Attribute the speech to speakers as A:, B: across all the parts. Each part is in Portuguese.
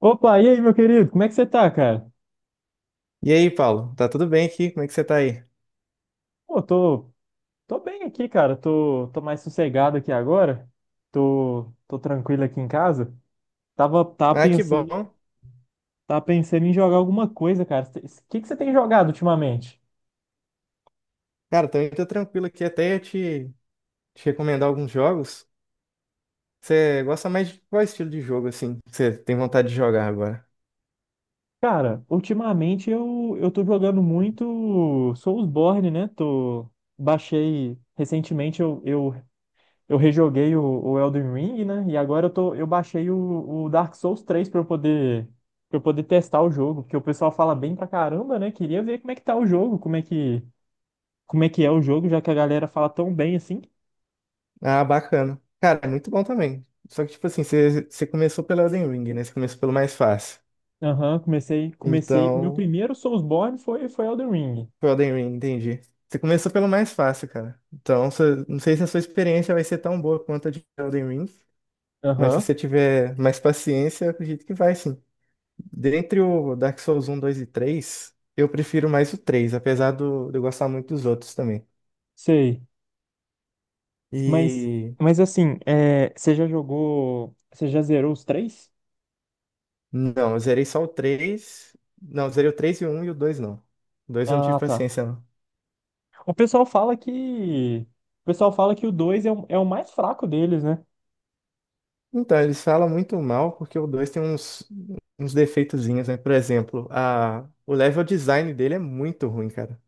A: Opa, e aí, meu querido? Como é que você tá, cara?
B: E aí, Paulo? Tá tudo bem aqui? Como é que você tá aí?
A: Pô, tô bem aqui, cara. Tô mais sossegado aqui agora. Tô tranquilo aqui em casa. Tava, tava
B: Ah, que bom.
A: pensando, tava pensando em jogar alguma coisa, cara. O que que você tem jogado ultimamente?
B: Cara, também tô tranquilo aqui. Até ia te recomendar alguns jogos. Você gosta mais de qual estilo de jogo, assim? Que você tem vontade de jogar agora?
A: Cara, ultimamente eu tô jogando muito Soulsborne, né? Baixei recentemente, eu rejoguei o Elden Ring, né? E agora eu baixei o Dark Souls três pra eu poder, para eu poder testar o jogo, porque o pessoal fala bem pra caramba, né? Queria ver como é que tá o jogo, como é que é o jogo, já que a galera fala tão bem assim.
B: Ah, bacana. Cara, é muito bom também. Só que, tipo assim, você começou pelo Elden Ring, né? Você começou pelo mais fácil.
A: Aham, comecei, comecei. Meu
B: Então,
A: primeiro Soulsborne foi Elden Ring.
B: foi Elden Ring, entendi. Você começou pelo mais fácil, cara. Então, não sei se a sua experiência vai ser tão boa quanto a de Elden Ring, mas se
A: Aham,
B: você tiver mais paciência, eu acredito que vai, sim. Dentre o Dark Souls um, 2 e 3, eu prefiro mais o 3, apesar de eu gostar muito dos outros também.
A: sei. Mas,
B: E
A: mas assim, você já zerou os três?
B: não, eu zerei só o três. Não, eu zerei o 3 e o 1 e o 2 não. O 2 eu não tive
A: Ah, tá.
B: paciência, não.
A: O pessoal fala que, o pessoal fala que o 2 é o mais fraco deles, né?
B: Então, eles falam muito mal porque o 2 tem uns defeitozinhos, né? Por exemplo, o level design dele é muito ruim, cara.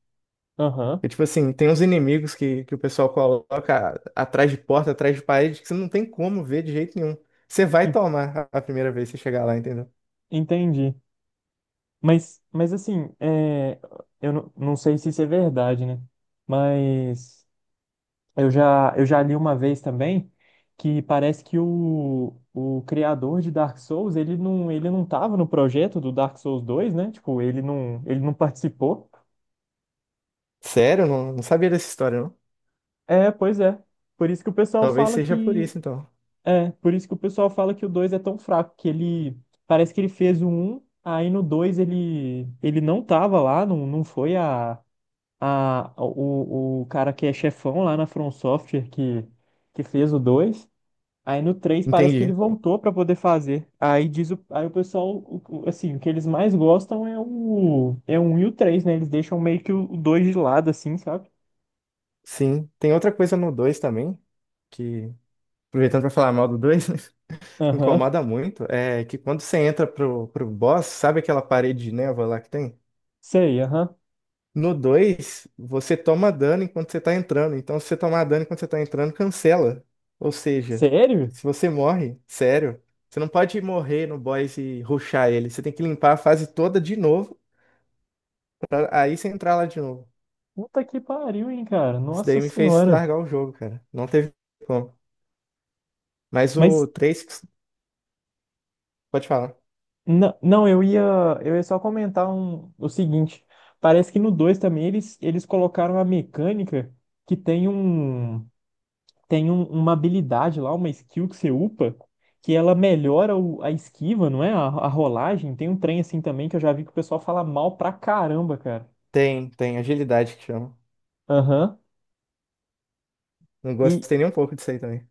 A: Aham,
B: E, tipo assim, tem uns inimigos que o pessoal coloca atrás de porta, atrás de parede, que você não tem como ver de jeito nenhum. Você vai
A: en-
B: tomar a primeira vez que você chegar lá, entendeu?
A: entendi. Mas assim, eu não sei se isso é verdade, né? Mas eu já li uma vez também que parece que o criador de Dark Souls, ele não tava no projeto do Dark Souls dois, né? Tipo, ele não participou.
B: Sério? Não, não sabia dessa história, não.
A: É, pois é. Por isso que o pessoal
B: Talvez
A: fala
B: seja por
A: que,
B: isso, então.
A: É, por isso que o pessoal fala que o 2 é tão fraco, que ele parece que ele fez o um, aí no 2 ele não tava lá, não, não foi a o cara que é chefão lá na From Software que fez o dois. Aí no três parece que ele
B: Entendi.
A: voltou pra poder fazer. Aí o pessoal, assim, o que eles mais gostam é o 1 e o três, né? Eles deixam meio que o dois de lado assim, sabe?
B: Sim. Tem outra coisa no 2 também, que, aproveitando pra falar mal do 2, né,
A: Aham.
B: incomoda muito, é que quando você entra pro boss, sabe aquela parede de névoa lá que tem?
A: Sei, aham.
B: No 2, você toma dano enquanto você tá entrando. Então, se você tomar dano enquanto você tá entrando, cancela. Ou seja,
A: Sério?
B: se você morre, sério, você não pode morrer no boss e rushar ele. Você tem que limpar a fase toda de novo, pra aí você entrar lá de novo.
A: Puta que pariu, hein, cara?
B: Isso
A: Nossa
B: daí me fez
A: senhora.
B: largar o jogo, cara. Não teve como. Mas o
A: Mas
B: 3, pode falar.
A: não, não, eu ia só comentar o seguinte. Parece que no 2 também eles colocaram a mecânica que uma habilidade lá, uma skill que você upa, que ela melhora a esquiva, não é? A rolagem. Tem um trem assim também que eu já vi que o pessoal fala mal pra caramba, cara.
B: Tem agilidade que chama.
A: Aham.
B: Não
A: E
B: gostei nem um pouco disso aí também.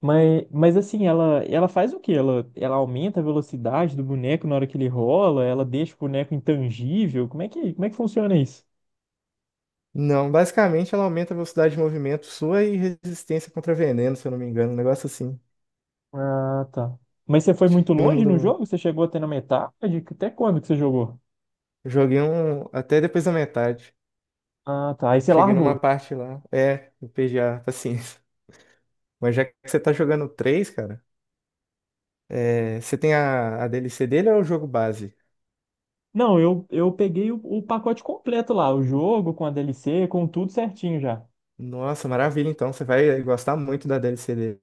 A: mas assim, ela faz o quê? Ela aumenta a velocidade do boneco na hora que ele rola, ela deixa o boneco intangível. Como é que funciona isso?
B: Não, basicamente ela aumenta a velocidade de movimento sua e resistência contra veneno, se eu não me engano. Um negócio assim.
A: Ah, tá. Mas você foi muito
B: Eu não
A: longe
B: mudou.
A: no
B: Não.
A: jogo? Você chegou até na metade? Até quando que você jogou?
B: Eu joguei um até depois da metade.
A: Ah, tá. Aí você
B: Cheguei numa
A: largou.
B: parte lá. É, eu perdi a paciência. Mas já que você tá jogando 3, cara, é, você tem a DLC dele ou é o jogo base?
A: Não, eu peguei o pacote completo lá, o jogo com a DLC, com tudo certinho já.
B: Nossa, maravilha, então. Você vai gostar muito da DLC dele.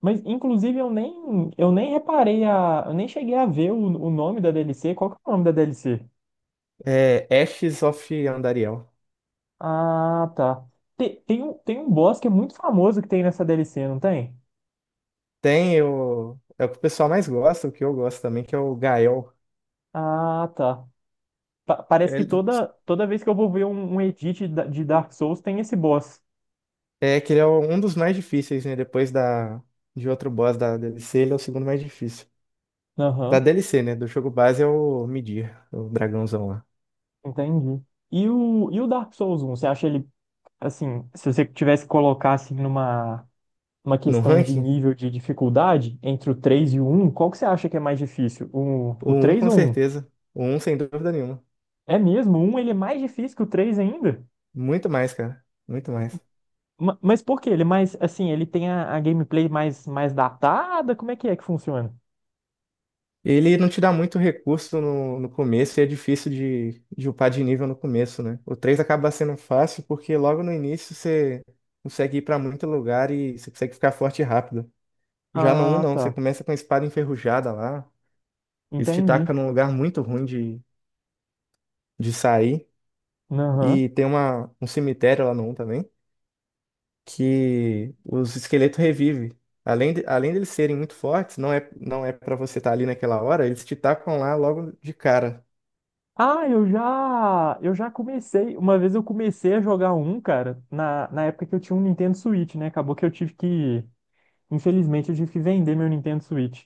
A: Mas, inclusive, eu nem reparei a. Eu nem cheguei a ver o nome da DLC. Qual que é o nome da DLC?
B: É Ashes of Andariel.
A: Ah, tá. Tem um boss que é muito famoso que tem nessa DLC, não tem?
B: Tem o. É o que o pessoal mais gosta, o que eu gosto também, que é o Gael.
A: Ah, tá. Parece que
B: Ele-
A: toda vez que eu vou ver um edit de Dark Souls tem esse boss.
B: É que ele é um dos mais difíceis, né? Depois de outro boss da DLC, ele é o segundo mais difícil. Da
A: Aham.
B: DLC, né? Do jogo base é o Midir, o dragãozão lá.
A: Entendi. E o Dark Souls um você acha ele, assim, se você tivesse que colocar, assim, numa
B: No
A: questão de
B: ranking,
A: nível de dificuldade, entre o 3 e o 1, qual que você acha que é mais difícil? O,
B: o
A: o
B: um
A: 3
B: com
A: ou o 1?
B: certeza. O um sem dúvida nenhuma.
A: É mesmo? O 1 ele é mais difícil que o 3 ainda?
B: Muito mais, cara. Muito mais.
A: Mas por quê? Ele é mais, assim, ele tem a gameplay mais datada? Como é que funciona?
B: Ele não te dá muito recurso no começo e é difícil de upar de nível no começo, né? O 3 acaba sendo fácil porque logo no início você consegue ir pra muito lugar e você consegue ficar forte rápido. Já no um
A: Ah,
B: não. Você
A: tá.
B: começa com a espada enferrujada lá. Eles te
A: Entendi.
B: tacam num lugar muito ruim de sair.
A: Aham.
B: E tem um cemitério lá no um também que os esqueletos revivem. Além deles serem muito fortes, não é, não é para você estar ali naquela hora, eles te tacam lá logo de cara.
A: Ah, eu já comecei. Uma vez eu comecei a jogar um, cara, na época que eu tinha um Nintendo Switch, né? Acabou que infelizmente, eu tive que vender meu Nintendo Switch.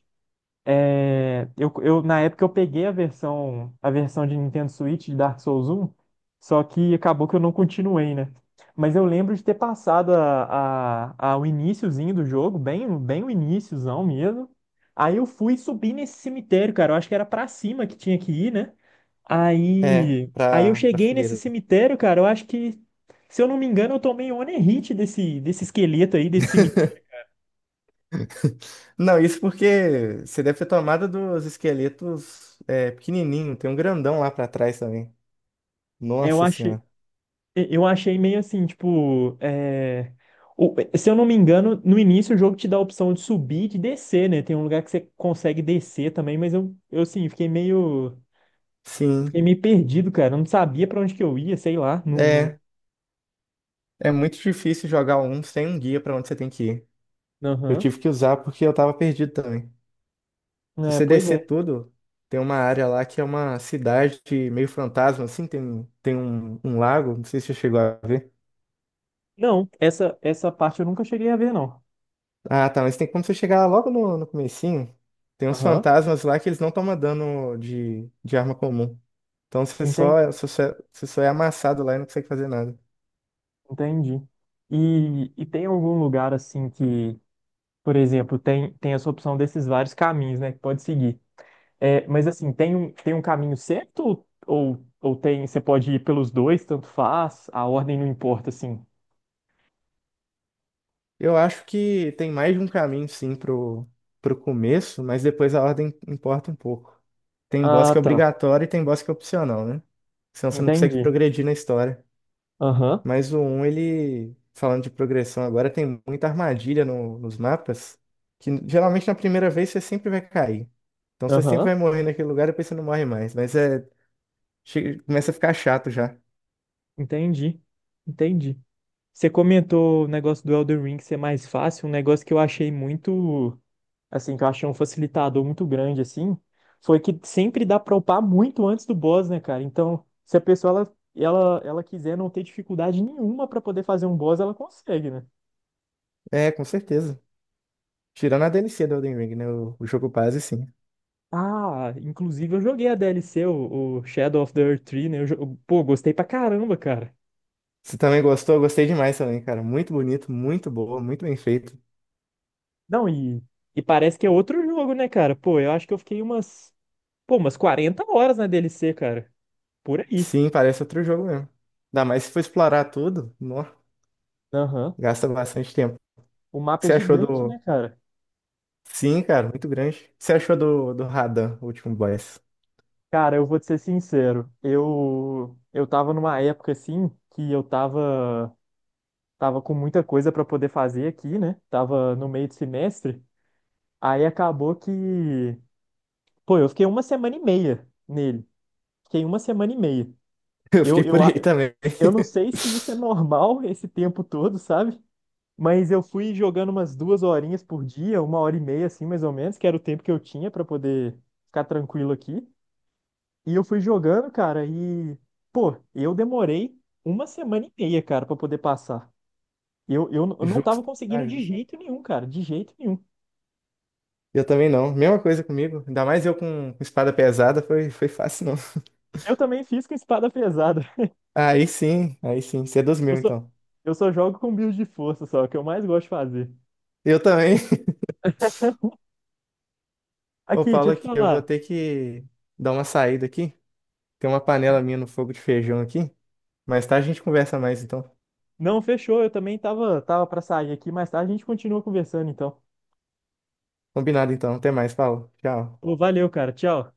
A: É, na época eu peguei a versão de Nintendo Switch de Dark Souls um, só que acabou que eu não continuei, né? Mas eu lembro de ter passado o iniciozinho do jogo, bem o iniciozão mesmo. Aí eu fui subir nesse cemitério, cara. Eu acho que era pra cima que tinha que ir, né?
B: É,
A: Aí eu
B: pra
A: cheguei nesse
B: fogueira.
A: cemitério, cara. Eu acho que, se eu não me engano, eu tomei um onerite desse, desse esqueleto aí, desse cemitério.
B: Não, isso porque você deve ter tomado dos esqueletos é, pequenininho. Tem um grandão lá pra trás também.
A: É, Eu
B: Nossa
A: achei,
B: senhora.
A: eu achei meio assim, tipo, se eu não me engano, no início o jogo te dá a opção de subir e de descer, né? Tem um lugar que você consegue descer também, mas eu assim, fiquei meio,
B: Sim,
A: fiquei meio perdido, cara. Eu não sabia pra onde que eu ia, sei lá. Não, não.
B: é. É muito difícil jogar um sem um guia pra onde você tem que ir. Eu
A: Aham.
B: tive que usar porque eu tava perdido também. Se
A: É,
B: você
A: pois é.
B: descer tudo, tem uma área lá que é uma cidade meio fantasma, assim. Tem um lago, não sei se você chegou a ver.
A: Não, essa parte eu nunca cheguei a ver, não.
B: Ah, tá, mas tem como você chegar lá logo no comecinho. Tem uns
A: Aham.
B: fantasmas lá que eles não tomam dano de arma comum. Então
A: Entendi.
B: você só é amassado lá e não consegue fazer nada.
A: Entendi. E tem algum lugar assim que, por exemplo, tem essa opção desses vários caminhos, né, que pode seguir. É, mas assim, tem um caminho certo ou você pode ir pelos dois, tanto faz, a ordem não importa, assim.
B: Eu acho que tem mais de um caminho, sim, pro começo, mas depois a ordem importa um pouco. Tem boss
A: Ah,
B: que é
A: tá.
B: obrigatório e tem boss que é opcional, né? Senão você não consegue
A: Entendi.
B: progredir na história.
A: Aham,
B: Mas o 1, ele, falando de progressão agora, tem muita armadilha nos mapas, que geralmente na primeira vez você sempre vai cair. Então você sempre
A: aham.
B: vai morrer naquele lugar e depois você não morre mais. Mas é, começa a ficar chato já.
A: Entendi. Entendi. Você comentou o negócio do Elden Ring ser mais fácil, um negócio que eu achei muito, assim, que eu achei um facilitador muito grande, assim, foi que sempre dá pra upar muito antes do boss, né, cara? Então, se a pessoa, ela quiser não ter dificuldade nenhuma pra poder fazer um boss, ela consegue, né?
B: É, com certeza. Tirando a DLC do Elden Ring, né? O jogo base, sim.
A: Ah, inclusive eu joguei a DLC, o Shadow of the Earth 3, né? Pô, gostei pra caramba, cara.
B: Você também gostou? Eu gostei demais também, cara. Muito bonito, muito boa, muito bem feito.
A: Não, e parece que é outro jogo, né, cara? Pô, eu acho que eu fiquei umas 40 horas na DLC, cara. Por aí.
B: Sim, parece outro jogo mesmo. Ainda mais se for explorar tudo, nó,
A: Aham.
B: gasta bastante tempo. O
A: O
B: que
A: mapa é
B: você achou
A: gigante,
B: do,
A: né, cara?
B: Sim, cara, muito grande. O que você achou do Radan, o último boss?
A: Cara, eu vou te ser sincero. Eu tava numa época assim que eu tava com muita coisa pra poder fazer aqui, né? Tava no meio do semestre. Aí acabou que, pô, eu fiquei 1 semana e meia nele. Fiquei 1 semana e meia.
B: Eu
A: Eu
B: fiquei por
A: eu a-
B: aí também.
A: eu não sei se isso é normal esse tempo todo, sabe? Mas eu fui jogando umas 2 horinhas por dia, 1 hora e meia assim, mais ou menos, que era o tempo que eu tinha pra poder ficar tranquilo aqui. E eu fui jogando, cara, e, pô, eu demorei 1 semana e meia, cara, pra poder passar. Eu não tava
B: Justo. Ah,
A: conseguindo de
B: justo.
A: jeito nenhum, cara, de jeito nenhum.
B: Eu também não. Mesma coisa comigo. Ainda mais eu com espada pesada, foi fácil não.
A: Eu também fiz com espada pesada.
B: Aí sim, aí sim. Você é dos
A: Eu
B: meus,
A: só,
B: então.
A: eu só jogo com build de força, só, que eu mais gosto de fazer.
B: Eu também. Ô,
A: Aqui, deixa
B: Paulo,
A: eu te
B: aqui, eu vou
A: falar.
B: ter que dar uma saída aqui. Tem uma panela minha no fogo de feijão aqui. Mais tarde a gente conversa mais, então.
A: Não, fechou, eu também tava, tava pra sair aqui, mas tá, a gente continua conversando, então.
B: Combinado, então. Até mais, Paulo. Tchau.
A: Pô, valeu, cara, tchau.